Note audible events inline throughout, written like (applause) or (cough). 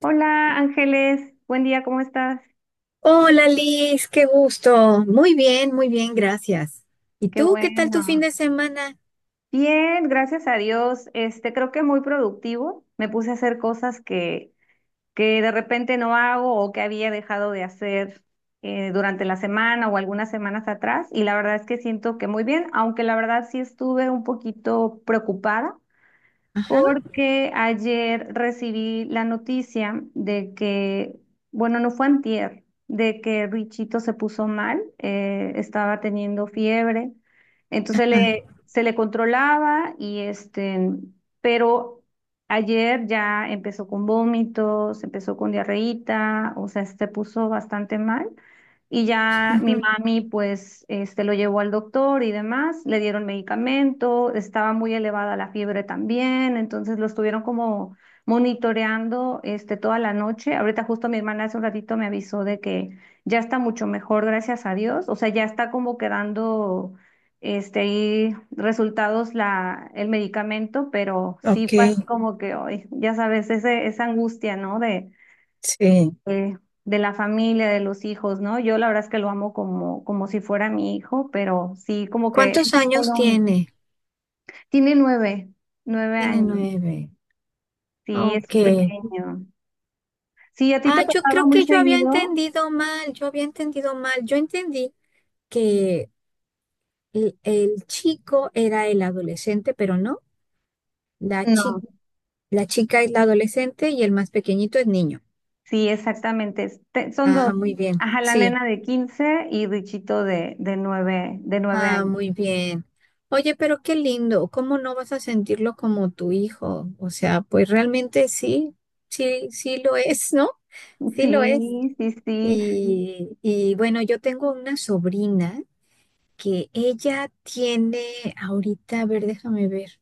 Hola Ángeles, buen día, ¿cómo estás? Hola Liz, qué gusto. Muy bien, gracias. ¿Y Qué tú qué tal tu fin bueno. de semana? Bien, gracias a Dios. Creo que muy productivo. Me puse a hacer cosas que de repente no hago o que había dejado de hacer durante la semana o algunas semanas atrás. Y la verdad es que siento que muy bien, aunque la verdad sí estuve un poquito preocupada Ajá. porque ayer recibí la noticia de que, bueno, no fue antier, de que Richito se puso mal, estaba teniendo fiebre, entonces Ah. se le controlaba y pero ayer ya empezó con vómitos, empezó con diarreíta, o sea, se puso bastante mal. Y ya mi Ujú. mami, pues, lo llevó al doctor y demás, le dieron medicamento, estaba muy elevada la fiebre también, entonces lo estuvieron como monitoreando, toda la noche. Ahorita justo mi hermana hace un ratito me avisó de que ya está mucho mejor, gracias a Dios. O sea, ya está como quedando, ahí resultados el medicamento, pero sí Ok. fue así como que hoy, ya sabes, ese, esa angustia, ¿no? Sí. eh, de la familia, de los hijos, ¿no? Yo la verdad es que lo amo como, como si fuera mi hijo, pero sí, como que ¿Cuántos eso fue años lo único. tiene? Tiene nueve, nueve Tiene años. 9. Sí, es Ok. pequeño. Sí, ¿a ti Ah, te yo pasaba creo muy que yo había seguido? entendido mal, yo había entendido mal. Yo entendí que el chico era el adolescente, pero no. La chi, No, la chica es la adolescente y el más pequeñito es niño. sí, exactamente. Son dos. Ah, muy bien. Ajá, la Sí. nena de 15 y Richito de nueve, de nueve Ah, años. muy bien. Oye, pero qué lindo, ¿cómo no vas a sentirlo como tu hijo? O sea, pues realmente sí, sí, sí lo es, ¿no? Sí lo es. Sí, sí, sí. Y bueno, yo tengo una sobrina que ella tiene ahorita, a ver, déjame ver,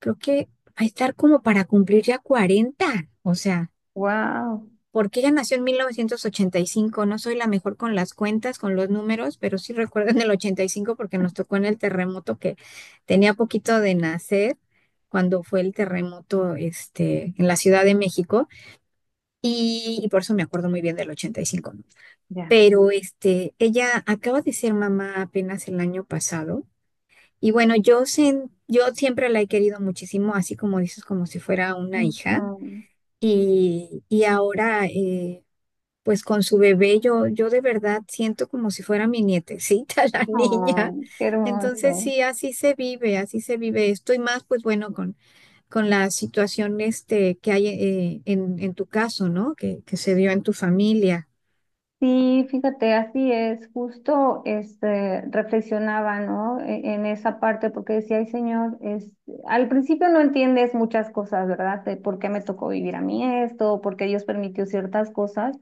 creo que va a estar como para cumplir ya 40. O sea. Wow. Porque ella nació en 1985. No soy la mejor con las cuentas, con los números, pero sí recuerdo en el 85 porque nos tocó en el terremoto que tenía poquito de nacer cuando fue el terremoto en la Ciudad de México y por eso me acuerdo muy bien del 85, ¿no? Ya. Pero ella acaba de ser mamá apenas el año pasado y bueno, yo siempre la he querido muchísimo, así como dices, como si fuera una hija. Ujú. Y ahora, pues con su bebé yo de verdad siento como si fuera mi nietecita, (laughs) la niña. Oh, qué Entonces hermoso. sí, así se vive esto y más, pues bueno, con la situación que hay en tu caso, ¿no? Que se dio en tu familia. Sí, fíjate, así es, justo reflexionaba, ¿no? En esa parte, porque decía, ay, señor, al principio no entiendes muchas cosas, ¿verdad? De por qué me tocó vivir a mí esto, por qué Dios permitió ciertas cosas.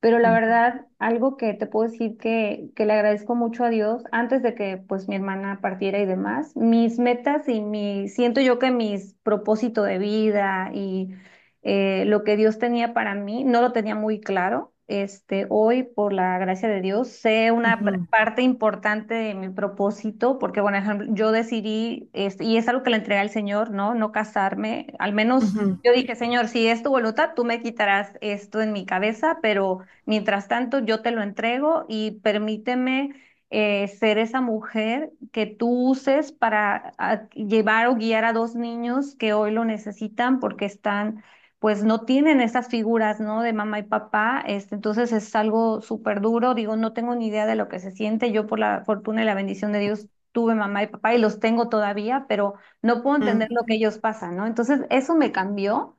Pero la Mm. verdad, algo que te puedo decir que le agradezco mucho a Dios, antes de que pues mi hermana partiera y demás, mis metas y siento yo que mis propósito de vida y lo que Dios tenía para mí, no lo tenía muy claro. Hoy, por la gracia de Dios, sé una Ujú. parte importante de mi propósito, porque, bueno, ejemplo, yo decidí, y es algo que le entregué al Señor, ¿no? No casarme, al menos Ujú. yo dije, Señor, si es tu voluntad, tú me quitarás esto en mi cabeza, pero mientras tanto, yo te lo entrego y permíteme ser esa mujer que tú uses para llevar o guiar a dos niños que hoy lo necesitan porque están, pues no tienen esas figuras, ¿no? De mamá y papá. Entonces es algo súper duro. Digo, no tengo ni idea de lo que se siente. Yo por la fortuna y la bendición de Dios tuve mamá y papá y los tengo todavía, pero no puedo entender lo que Mm. ellos pasan, ¿no? Entonces eso me cambió.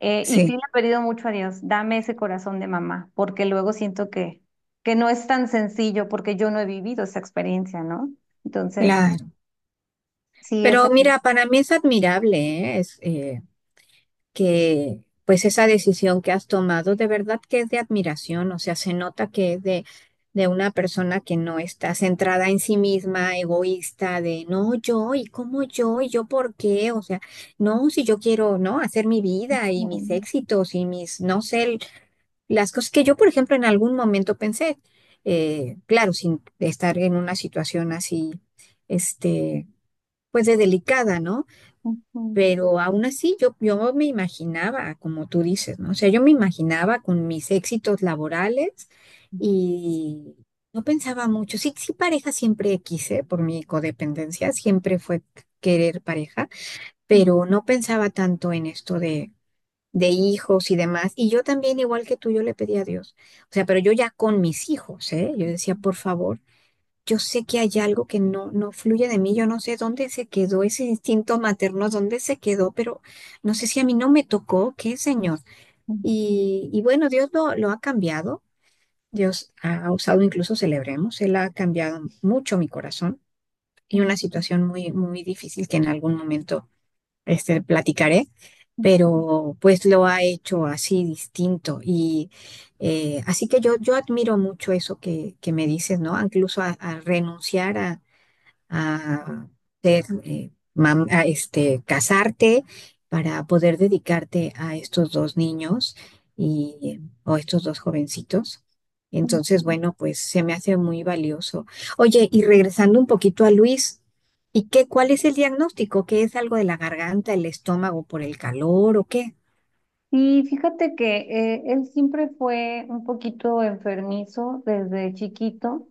Y sí le Sí, he pedido mucho a Dios, dame ese corazón de mamá, porque luego siento que no es tan sencillo porque yo no he vivido esa experiencia, ¿no? Entonces, claro. sí es Pero algo. mira, para mí es admirable, ¿eh? Es, que pues esa decisión que has tomado de verdad que es de admiración, o sea, se nota que es de una persona que no está centrada en sí misma, egoísta, de no, yo, y cómo yo, y yo por qué, o sea, no, si yo quiero, ¿no? Hacer mi vida y mis éxitos y mis, no sé, el- las cosas que yo, por ejemplo, en algún momento pensé, claro, sin estar en una situación así, este, pues de delicada, ¿no? (laughs) Pero aún así, yo me imaginaba, como tú dices, ¿no? O sea, yo me imaginaba con mis éxitos laborales y no pensaba mucho. Sí, sí, pareja siempre quise por mi codependencia, siempre fue querer pareja, pero no pensaba tanto en esto de hijos y demás. Y yo también, igual que tú, yo le pedí a Dios. O sea, pero yo ya con mis hijos, ¿eh? Yo decía, por favor yo sé que hay algo que no, no fluye de mí, yo no sé dónde se quedó ese instinto materno, dónde se quedó, pero no sé si a mí no me tocó, qué señor. Y bueno, Dios lo ha cambiado, Dios ha usado, incluso celebremos, Él ha cambiado mucho mi corazón y una situación muy, muy difícil que en algún momento platicaré. Pero pues lo ha hecho así distinto y así que yo admiro mucho eso que me dices, ¿no? Incluso a renunciar a ser, a, casarte para poder dedicarte a estos dos niños y, o estos dos jovencitos. Entonces, bueno, pues se me hace muy valioso. Oye, y regresando un poquito a Luis, ¿y qué, cuál es el diagnóstico? ¿Qué es algo de la garganta, el estómago por el calor o qué? Y fíjate que él siempre fue un poquito enfermizo desde chiquito.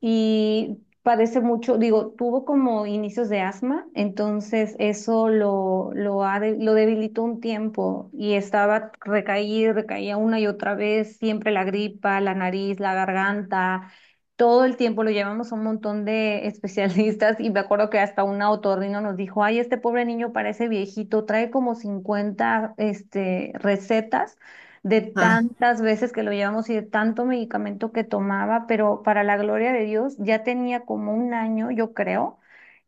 Y padece mucho, digo, tuvo como inicios de asma, entonces eso lo debilitó un tiempo y estaba recaía una y otra vez, siempre la gripa, la nariz, la garganta. Todo el tiempo lo llevamos a un montón de (laughs) especialistas y me acuerdo que hasta un otorrino nos dijo, ay, este pobre niño parece viejito, trae como 50 recetas de Ah, tantas veces que lo llevamos y de tanto medicamento que tomaba, pero para la gloria de Dios ya tenía como un año, yo creo,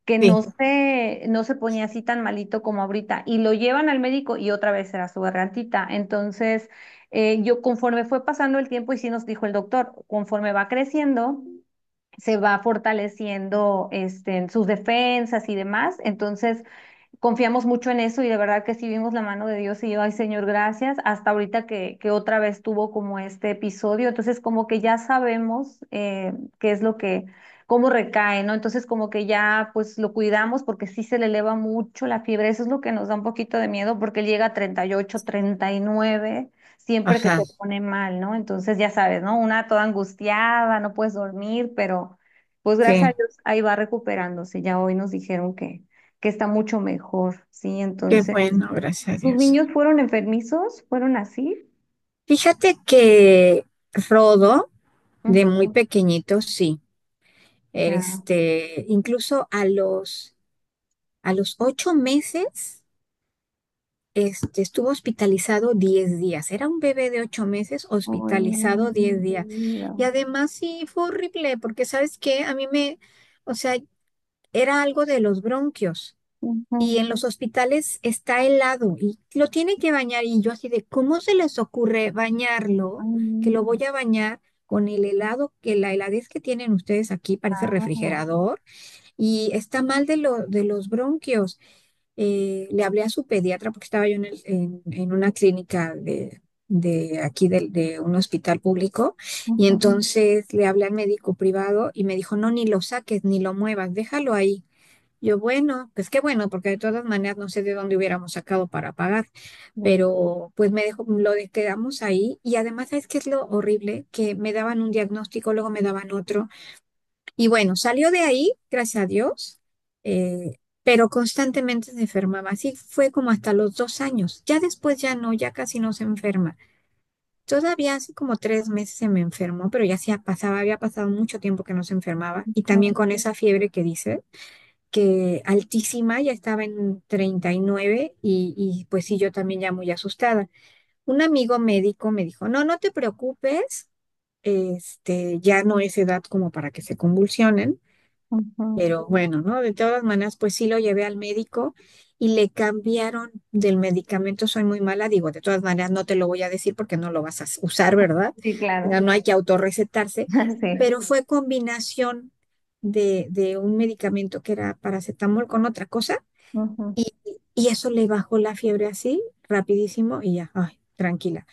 que sí, no se ponía así tan malito como ahorita. Y lo llevan al médico y otra vez era su gargantita. Entonces, yo conforme fue pasando el tiempo y sí nos dijo el doctor, conforme va creciendo se va fortaleciendo en sus defensas y demás. Entonces, confiamos mucho en eso y de verdad que sí vimos la mano de Dios y yo, ay Señor, gracias, hasta ahorita que otra vez tuvo como este episodio, entonces como que ya sabemos qué es lo que, cómo recae, ¿no? Entonces como que ya pues lo cuidamos porque sí se le eleva mucho la fiebre, eso es lo que nos da un poquito de miedo porque él llega a 38 39 siempre que ajá, se pone mal, ¿no? Entonces ya sabes, ¿no? Una toda angustiada, no puedes dormir, pero pues gracias sí, a Dios ahí va recuperándose. Ya hoy nos dijeron que está mucho mejor, ¿sí? qué Entonces, bueno, gracias a ¿tus Dios. niños fueron enfermizos? ¿Fueron así? Fíjate que Rodo, de muy Ujú, pequeñito, sí. ya. Incluso a los 8 meses, estuvo hospitalizado 10 días. Era un bebé de 8 meses Ay, no, hospitalizado diez mi días. vida. Y además sí fue horrible, porque ¿sabes qué? O sea, era algo de los bronquios. Ujú. Y en los hospitales está helado y lo tiene que bañar. Y yo así de, ¿cómo se les ocurre Ay, bañarlo? Que lo no, voy a bañar con el helado, que la heladez que tienen ustedes aquí parece claro. refrigerador y está mal de los bronquios. Le hablé a su pediatra porque estaba yo en una clínica de aquí de un hospital público y Ujú, entonces le hablé al médico privado y me dijo, no, ni lo saques, ni lo muevas, déjalo ahí. Yo, bueno, pues qué bueno, porque de todas maneras no sé de dónde hubiéramos sacado para pagar, ujú, pero pues me dejó, quedamos ahí y además, ¿sabes qué es lo horrible? Que me daban un diagnóstico, luego me daban otro. Y bueno, salió de ahí, gracias a Dios, eh, pero constantemente se enfermaba. Así fue como hasta los 2 años. Ya después ya no, ya casi no se enferma. Todavía hace como 3 meses se me enfermó, pero ya se pasaba, había pasado mucho tiempo que no se enfermaba. Y también con esa fiebre que dice, que altísima, ya estaba en 39 y, nueve y pues sí, yo también ya muy asustada. Un amigo médico me dijo, no, no te preocupes, ya no es edad como para que se convulsionen. ujú. Pero bueno, ¿no? De todas maneras, pues sí lo llevé al médico y le cambiaron del medicamento. Soy muy mala, digo, de todas maneras no te lo voy a decir porque no lo vas a usar, ¿verdad? Sí, claro. Ya no hay que autorrecetarse, (laughs) Sí. pero fue combinación de un medicamento que era paracetamol con otra cosa Ujú. y, y eso le bajó la fiebre así, rapidísimo y ya, ay, tranquila.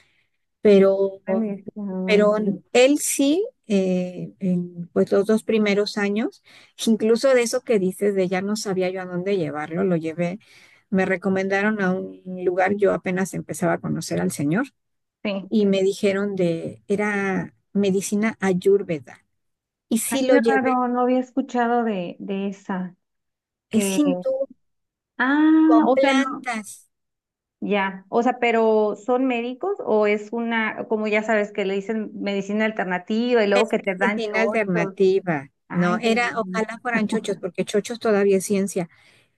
Pero Ay, pero él sí, en pues los 2 primeros años, incluso de eso que dices, de ya no sabía yo a dónde llevarlo, lo llevé, me recomendaron a un lugar, yo apenas empezaba a conocer al señor sí. y me dijeron era medicina ayurveda. Y Ay, sí lo qué llevé, raro, no había escuchado de esa. es Que, hindú, ah, con o sea, no. plantas, Ya, o sea, pero ¿son médicos o es una, como ya sabes, que le dicen medicina alternativa y luego que te y dan sin chochos? alternativa. No, Ay, Dios era, mío. ojalá fueran (laughs) chochos, porque chochos todavía es ciencia.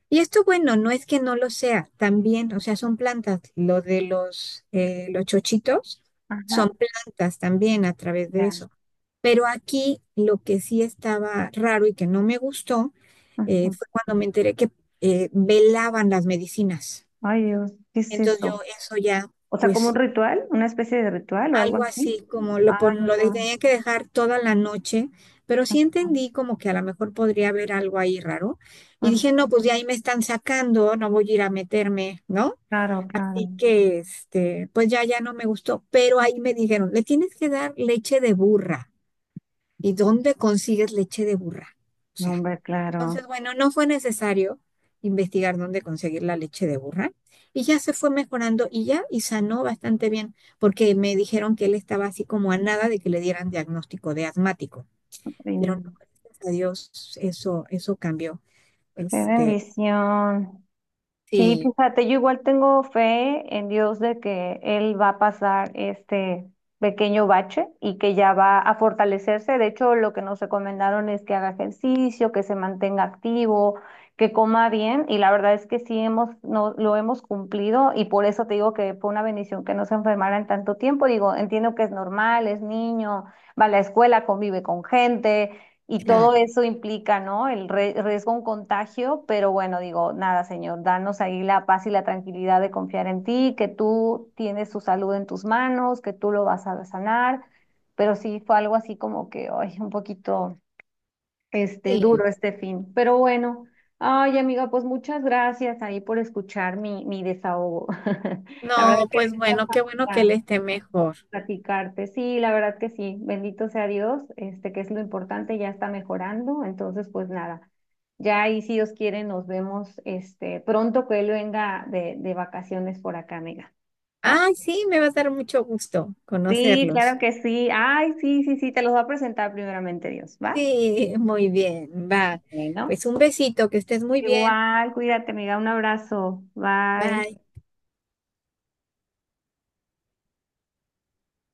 Y esto, bueno, no es que no lo sea, también, o sea, son plantas. Lo de los chochitos Ajá, son plantas también a través de ya. eso. Pero aquí lo que sí estaba raro y que no me gustó Ujú. fue cuando me enteré que velaban las medicinas. Ay, Dios, ¿qué es Entonces yo eso? eso ya, O sea, como un pues ritual, una especie de ritual o algo algo así. así como lo, Ay, pon- lo de- no. tenía que dejar toda la noche, pero sí Ujú, entendí como que a lo mejor podría haber algo ahí raro. Y dije, ujú. no, pues de ahí me están sacando, no voy a ir a meterme, ¿no? Claro, claro. Y que pues ya, ya no me gustó, pero ahí me dijeron, le tienes que dar leche de burra. ¿Y dónde consigues leche de burra? O No, sea, hombre, claro. entonces, bueno, no fue necesario investigar dónde conseguir la leche de burra y ya se fue mejorando y ya, y sanó bastante bien, porque me dijeron que él estaba así como a nada de que le dieran diagnóstico de asmático, Ay, pero no, no. gracias a Dios, eso cambió. Qué Este, bendición. Sí, sí, fíjate, yo igual tengo fe en Dios de que Él va a pasar este pequeño bache y que ya va a fortalecerse. De hecho, lo que nos recomendaron es que haga ejercicio, que se mantenga activo, que coma bien. Y la verdad es que sí hemos, no, lo hemos cumplido y por eso te digo que fue una bendición que no se enfermara en tanto tiempo. Digo, entiendo que es normal, es niño, va a la escuela, convive con gente. Y todo claro. eso implica, ¿no? El riesgo a un contagio, pero bueno, digo, nada, Señor, danos ahí la paz y la tranquilidad de confiar en ti, que tú tienes su salud en tus manos, que tú lo vas a sanar, pero sí fue algo así como que, ay, un poquito Sí. duro este fin. Pero bueno, ay amiga, pues muchas gracias ahí por escuchar mi desahogo. (laughs) La verdad es No, que pues me hacía bueno, qué bueno que falta él esté eh, mejor. platicarte. Sí, la verdad que sí. Bendito sea Dios, este, que es lo importante, ya está mejorando. Entonces, pues nada, ya ahí si Dios quiere nos vemos pronto que él venga de vacaciones por acá, amiga. ¿Va? Ay, sí, me va a dar mucho gusto Sí, claro conocerlos. que sí. Ay, sí, sí, sí, te los voy a presentar primeramente Dios, ¿va? Sí, muy bien, va. Bueno. Pues un besito, que estés muy bien. Igual, cuídate, amiga. Un abrazo. Bye. Bye.